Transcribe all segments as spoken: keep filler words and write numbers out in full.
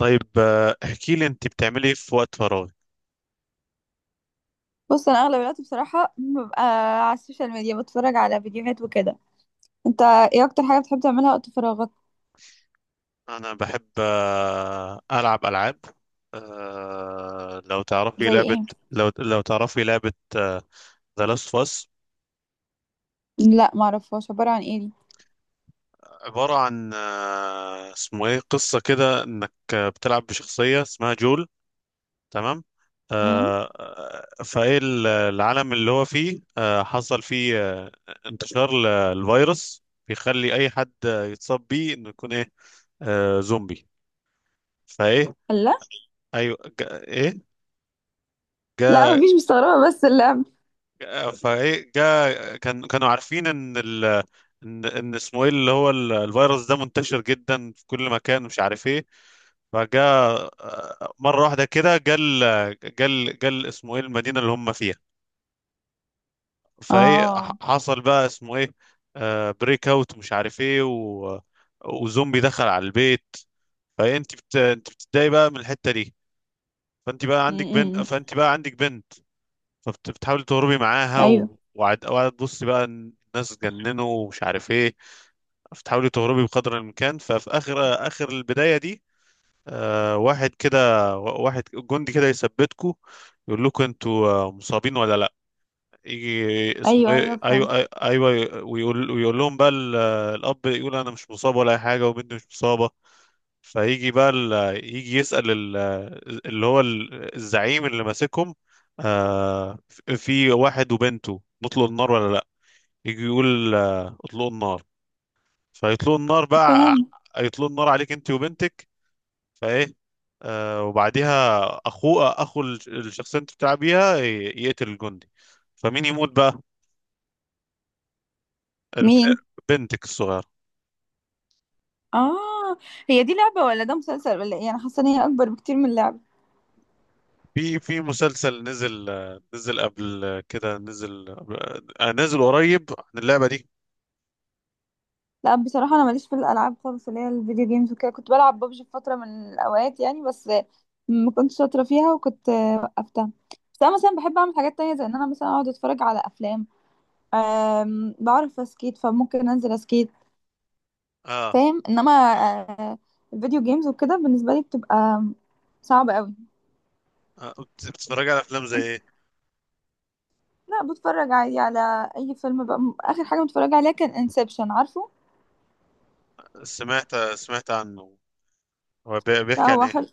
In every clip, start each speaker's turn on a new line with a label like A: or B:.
A: طيب، آه، احكي لي انت بتعملي ايه في وقت فراغ؟
B: بص انا اغلب الوقت بصراحه ببقى على السوشيال ميديا بتفرج على فيديوهات وكده. انت ايه اكتر حاجه بتحب تعملها وقت فراغك؟
A: انا بحب آه، العب العاب. آه، لو تعرفي
B: زي
A: لعبة.
B: ايه؟
A: لو لو تعرفي لعبة ذا لاست اوف اس.
B: لا ما اعرفهاش، عباره عن ايه دي؟
A: عبارة عن، آه، اسمه ايه، قصة كده انك آه، بتلعب بشخصية اسمها جول. تمام.
B: امم.
A: آه، آه، فايه ال- العالم اللي هو فيه آه، حصل فيه آه، انتشار للفيروس بيخلي اي حد آه، يتصاب بيه انه يكون ايه، آه، زومبي. فايه.
B: لا
A: ايوه، جا ايه؟
B: لا،
A: جا.
B: مفيش، مستغربه بس اللعب.
A: جا- فايه، جا كان كانوا عارفين ان ال ان ان اسمه ايه، اللي هو ال- الفيروس ده منتشر جدا في كل مكان، مش عارف ايه. فجا آه، مره واحده كده، جا ال- جا ال- جا ال- اسمه ايه المدينه اللي هم فيها. فايه
B: اه.
A: ح- حصل بقى اسمه ايه بريك اوت، مش عارف ايه، و وزومبي دخل على البيت. فانت بت... انت بتتضايق بقى من الحته دي. فانت بقى عندك بنت
B: امم.
A: فانت بقى عندك بنت فبتحاولي تهربي معاها
B: ايوه
A: و... وقعد وقعد تبصي بقى إن الناس اتجننوا، ومش عارف ايه. بتحاولي تهربي بقدر الامكان، ففي اخر اخر البدايه دي آه واحد كده، و- واحد جندي كده يثبتكوا، يقول لكم انتوا آه، مصابين ولا لا. يجي اسمه
B: ايوه ايوه
A: ايه. ايوه،
B: فهمت.
A: ايوه. أيوة، ويقول ويقول لهم بقى ال- الاب يقول انا مش مصاب ولا اي حاجه، وبنتي مش مصابه. فيجي بقى ال... يجي يسأل ال... اللي هو ال- الزعيم اللي ماسكهم. آه في واحد وبنته، نطلق النار ولا لا؟ يجي يقول آه، اطلقوا النار. فيطلقوا النار بقى.
B: فهمت.
A: يطلقوا النار عليك انت وبنتك. فايه آه وبعديها اخوه اخو الش- الشخصيه انت بتلعب بيها ي- يقتل الجندي. فمين يموت بقى؟ الب-
B: مين؟
A: بنتك الصغيره.
B: اه. هي دي لعبه ولا ده مسلسل ولا ايه؟ انا حاسه ان هي اكبر بكتير من لعبه.
A: في في مسلسل نزل، آه، نزل قبل كده، نزل. آه، نزل قريب عن اللعبه دي.
B: لا، بصراحة أنا ماليش في الألعاب خالص، اللي هي الفيديو جيمز وكده. كنت بلعب ببجي في فترة من الأوقات يعني، بس ما كنتش شاطرة فيها وكنت وقفتها. بس أنا مثلا بحب أعمل حاجات تانية، زي إن أنا مثلا أقعد أتفرج على أفلام. أم، بعرف أسكيت فممكن أنزل أسكيت،
A: اه.
B: فاهم؟ إنما آه، الفيديو جيمز وكده بالنسبة لي بتبقى صعبة قوي.
A: آه، بت- بتتفرج على افلام زي ايه؟
B: لا بتفرج عادي على أي فيلم بقى. م- آخر حاجة متفرجة عليها كان انسبشن، عارفه؟
A: سمعت سمعت عنه. هو بي-
B: لا
A: بيحكي عن
B: هو
A: ايه؟
B: حلو.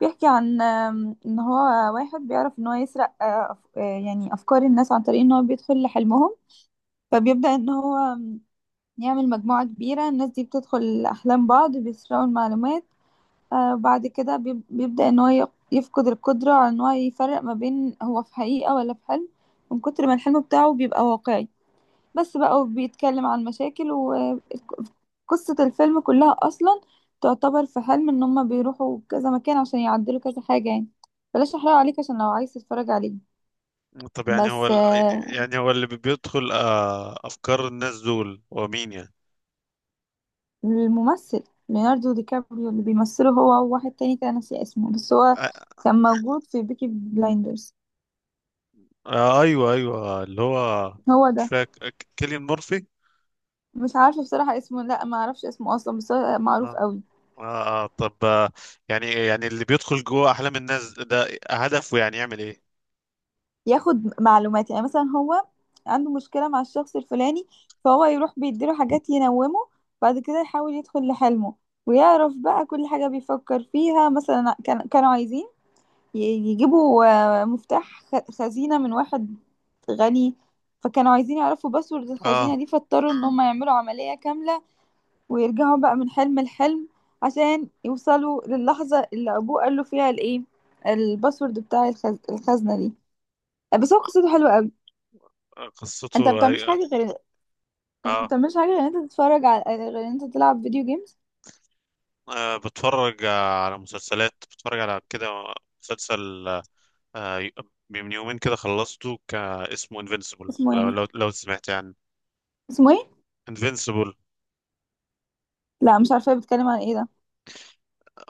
B: بيحكي عن آم، ان هو واحد بيعرف ان هو يسرق آه، أف- آه، يعني افكار الناس عن طريق ان هو بيدخل لحلمهم. فبيبدأ ان هو آم، يعمل مجموعة كبيرة. الناس دي بتدخل احلام بعض بيسرقوا المعلومات. آه، بعد كده بيب- بيبدأ ان هو ي- يفقد القدرة على ان هو يفرق ما بين هو في حقيقة ولا في حلم، من كتر ما الحلم بتاعه بيبقى واقعي. بس بقى، وبيتكلم عن مشاكل. وقصة الفيلم كلها أصلا تعتبر في حلم، إن هما بيروحوا كذا مكان عشان يعدلوا كذا حاجة يعني. بلاش أحرق عليك عشان لو عايز تتفرج عليه.
A: طب، يعني هو
B: بس
A: ال...
B: آه،
A: يعني هو اللي بي- بيدخل آه افكار الناس دول هو مين يعني؟
B: الممثل ليوناردو دي كابريو اللي بيمثله، هو وواحد تاني كان ناسي اسمه، بس هو
A: آه
B: كان موجود في بيكي بلايندرز.
A: آه، ايوه، ايوه، اللي هو.
B: هو
A: مش
B: ده.
A: فاكر ك- كيليان مورفي.
B: مش عارفة بصراحة اسمه، لا ما اعرفش اسمه أصلا بس هو معروف
A: اه.
B: قوي.
A: اه. آه، طب. آه يعني يعني اللي بيدخل جوه احلام الناس ده هدفه يعني يعمل ايه؟
B: ياخد معلومات. يعني مثلا هو عنده مشكلة مع الشخص الفلاني، فهو يروح بيديله حاجات ينومه، بعد كده يحاول يدخل لحلمه ويعرف بقى كل حاجة بيفكر فيها. مثلا كان كانوا عايزين ي- يجيبوا آه، مفتاح خ- خزينة من واحد غني. فكانوا عايزين يعرفوا باسورد
A: اه،
B: الخزينة دي، فاضطروا ان هم يعملوا عملية كاملة، ويرجعوا بقى من حلم لحلم عشان يوصلوا للحظة اللي ابوه قال له فيها الايه، الباسورد بتاع الخز... الخزنة دي. بس هو قصته حلوة قوي.
A: قصته.
B: انت ما بتعملش
A: هي...
B: حاجه غير ما
A: اه.
B: بتعملش حاجه غير ان انت تتفرج، على غير ان انت تلعب فيديو جيمز؟
A: آه، بتفرج آه، على مسلسلات، بتفرج على كده. مسلسل. آه، آه، من يومين كده خلصته ك... اسمه انفينسيبل،
B: اسمه ايه؟
A: لو لو لو سمعت يعني.
B: اسمه ايه؟
A: انفينسيبل.
B: لا مش عارفه، بتتكلم عن ايه ده؟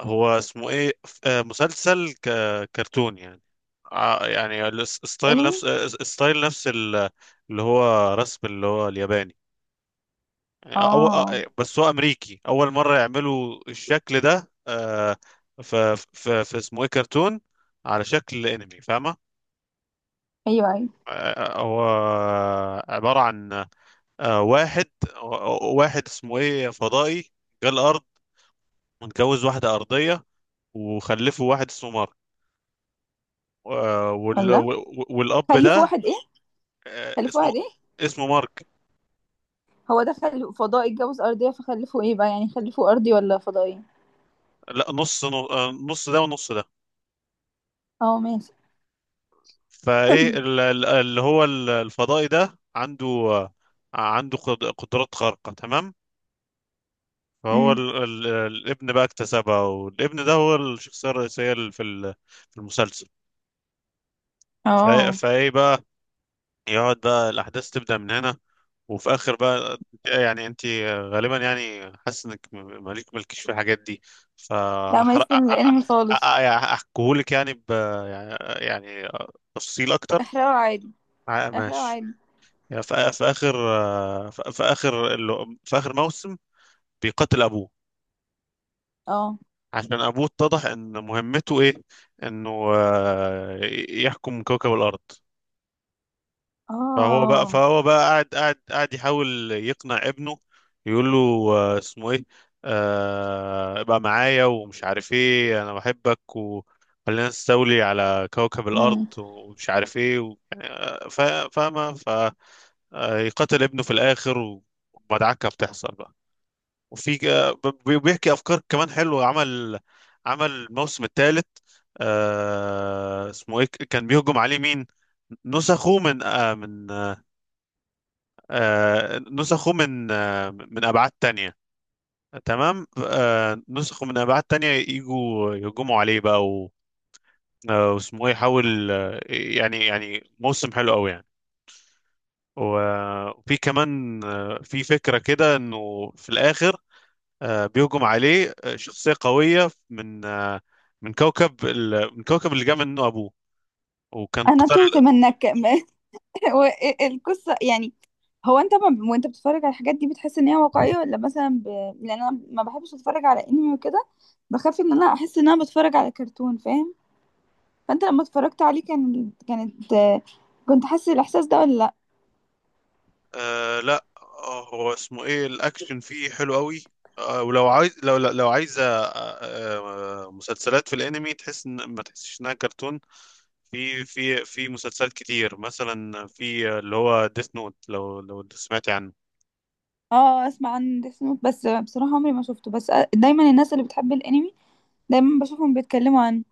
A: هو اسمه ايه. آه، مسلسل ك... كرتون يعني. آه، يعني الستايل
B: انمي.
A: نفس، آه، ستايل نفس ال- اللي هو رسم، اللي هو الياباني. يعني أو...
B: اه.
A: أو- بس هو امريكي، اول مره يعملوا الشكل ده. آه، في في في اسمه ايه كرتون على شكل انمي، فاهمه؟
B: ايوه ايوه.
A: آه، آه، هو عباره عن آه، واحد واحد اسمه ايه فضائي. جه الارض. متجوز واحده ارضيه. وخلفه واحد اسمه مارك. آه، وال...
B: الله.
A: وال- والاب
B: خلفوا
A: ده.
B: واحد ايه؟
A: آه،
B: خلفوا
A: اسمه
B: واحد ايه؟
A: اسمه مارك.
B: هو ده خل... فضائي اتجوز ارضيه فخلفوا ايه بقى؟ يعني خلفوا ارضي ولا فضائي؟
A: لا، نص نص ده ونص ده.
B: اه ماشي.
A: فايه ال- ال- اللي هو ال- الفضائي ده عنده عنده قد- قدرات خارقة، تمام. فهو
B: امم.
A: ال... ال... الابن بقى اكتسبها، والابن ده هو الشخصية الرئيسية ال- في ال... في المسلسل. ف...
B: اه.
A: فايه بقى، يقعد بقى الأحداث تبدأ من هنا. وفي آخر بقى، يعني أنت غالبا يعني حاسس إنك م- مالك مالكيش في الحاجات دي،
B: لا ماليش
A: فأحرق.
B: في الانمي خالص.
A: أحكيهولك يعني، ب... يعني يعني تفصيل أكتر.
B: احرقه عادي.
A: آه،
B: احرقه
A: ماشي.
B: عادي.
A: يعني في في اخر آه، في في اخر ال- في اخر موسم بيقتل ابوه،
B: اه.
A: عشان ابوه اتضح ان مهمته ايه، انه آه، يحكم كوكب الارض. فهو بقى
B: اه.
A: فهو بقى قاعد قاعد قاعد يحاول يقنع ابنه، يقول له، آه، اسمه ايه، آه، ابقى معايا، ومش عارف ايه، انا بحبك وخلينا نستولي على كوكب الارض،
B: امم.
A: ومش عارف ايه، و... يعني، آه، فا- فاهمه. فيقتل ابنه في الاخر، ومدعكه بتحصل بقى. وفي بي- بيحكي افكار كمان حلوه. عمل عمل الموسم الثالث. آه اسمه ايه، كان بيهجم عليه مين؟ نسخه من آه من، آه نسخه من آه من ابعاد تانية. تمام. آه نسخه من ابعاد تانية يجوا يهجموا عليه بقى، و آه، واسمه ايه يحاول، آه، يعني يعني موسم حلو قوي يعني. و- وفي كمان، آه، في فكرة كده انه في الاخر، آه، بيهجم عليه آه، شخصية قوية من، آه، من كوكب ال- من كوكب اللي جاء منه أبوه، وكان
B: انا
A: قتال.
B: تهت منك. القصه يعني. هو انت، ما وانت بتتفرج على الحاجات دي، بتحس ان هي واقعيه، ولا مثلا ب... لان انا ما بحبش اتفرج على انمي وكده، بخاف ان انا احس ان انا بتفرج على كرتون، فاهم؟ فانت لما اتفرجت عليه كان كانت كنت حاسس الاحساس ده ولا لا؟
A: آه لا، آه، هو اسمه إيه، الأكشن فيه حلو قوي. آه ولو عايز، لو لو عايزة آه آه، مسلسلات في الأنمي تحس إن، ما تحسش إنها كرتون. في في في مسلسلات كتير، مثلا في آه، اللي هو ديث نوت، لو لو سمعتي عنه.
B: اه، اسمع عن ديث نوت بس بصراحه عمري ما شفته. بس دايما الناس اللي بتحب الانمي دايما بشوفهم بيتكلموا عنه.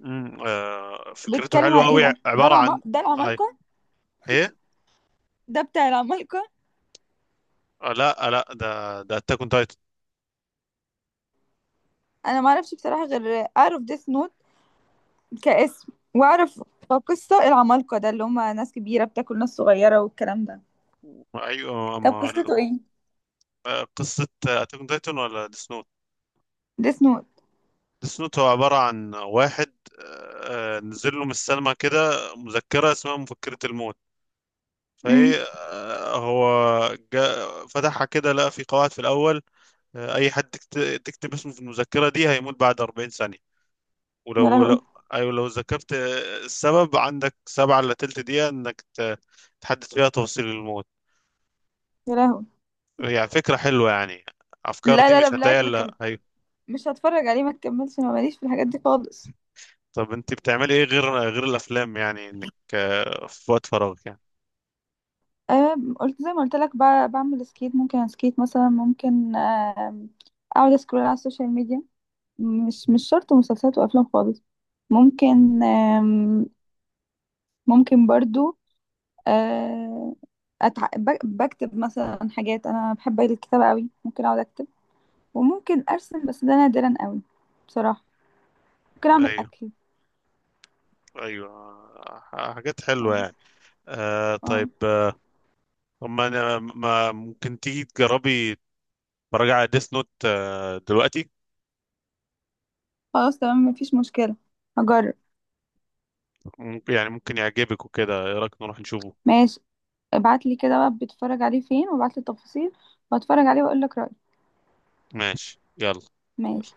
A: مم، آه فكرته
B: بيتكلم
A: حلوة
B: عن ايه
A: قوي،
B: ده؟ ده
A: عبارة
B: العم...
A: عن.
B: ده
A: أي،
B: العمالقه؟
A: إيه؟
B: ده بتاع العمالقه؟
A: آه لا، آه، لا ده ده أتاك أون تايتن.
B: انا ما اعرفش بصراحه غير اعرف ديث نوت كاسم، واعرف قصة العمالقة، ده اللي هما ناس كبيرة بتاكل ناس صغيرة والكلام ده.
A: ايوه،
B: طب
A: اما.
B: قصته ايه؟
A: قصه اتاك تايتن ولا ديس نوت؟
B: ديس نوت.
A: ديس نوت. هو عباره عن واحد آه، نزل له من السلمه كده مذكره اسمها مفكره الموت.
B: امم.
A: فهي. آه، هو جا فتحها كده، لقى في قواعد. في الاول آه، اي حد تكت- تكتب اسمه في المذكره دي هيموت بعد اربعين ثانيه.
B: يا
A: ولو
B: لهوي.
A: لو ايوه، لو ذكرت آه، السبب، عندك سبعة الا تلت دقيقه انك ت- تحدد فيها تفاصيل الموت.
B: يا لهوي.
A: يعني فكره حلوه يعني. افكار
B: لا
A: دي
B: لا لا،
A: مش هتلاقيها
B: بلاك ما كم...
A: الا.
B: مش هتفرج عليه ما تكملش، انا ماليش في الحاجات دي خالص.
A: طب، انت بتعملي ايه غير غير الافلام يعني، انك آه، في وقت فراغك يعني؟
B: أه. قلت زي ما قلت لك ب- بعمل سكيت، ممكن اسكيت مثلا. ممكن آم، اقعد اسكرول على السوشيال ميديا. مش مش شرط مسلسلات وافلام خالص.
A: مم.
B: ممكن آم، ممكن برضو آه، أتع... ب- بكتب مثلا حاجات. انا بحب الكتابه قوي، ممكن اقعد اكتب. وممكن ارسم بس ده نادرا قوي بصراحه. ممكن اعمل
A: ايوه،
B: اكل.
A: ايوه، ح- حاجات حلوه
B: اه.
A: يعني. آه
B: اه.
A: طيب. آه، اما انا، ما، ممكن تيجي تجربي مراجعة على ديس نوت آه دلوقتي؟
B: خلاص تمام، مفيش مشكله. هجرب.
A: ممكن يعني، ممكن يعجبك وكده، ايه رايك نروح نشوفه؟
B: ماشي، ابعت لي كده بقى بتتفرج عليه فين، وابعت لي التفاصيل، وهتفرج عليه واقول لك رايي.
A: ماشي، يلا.
B: ماشي.
A: يلا.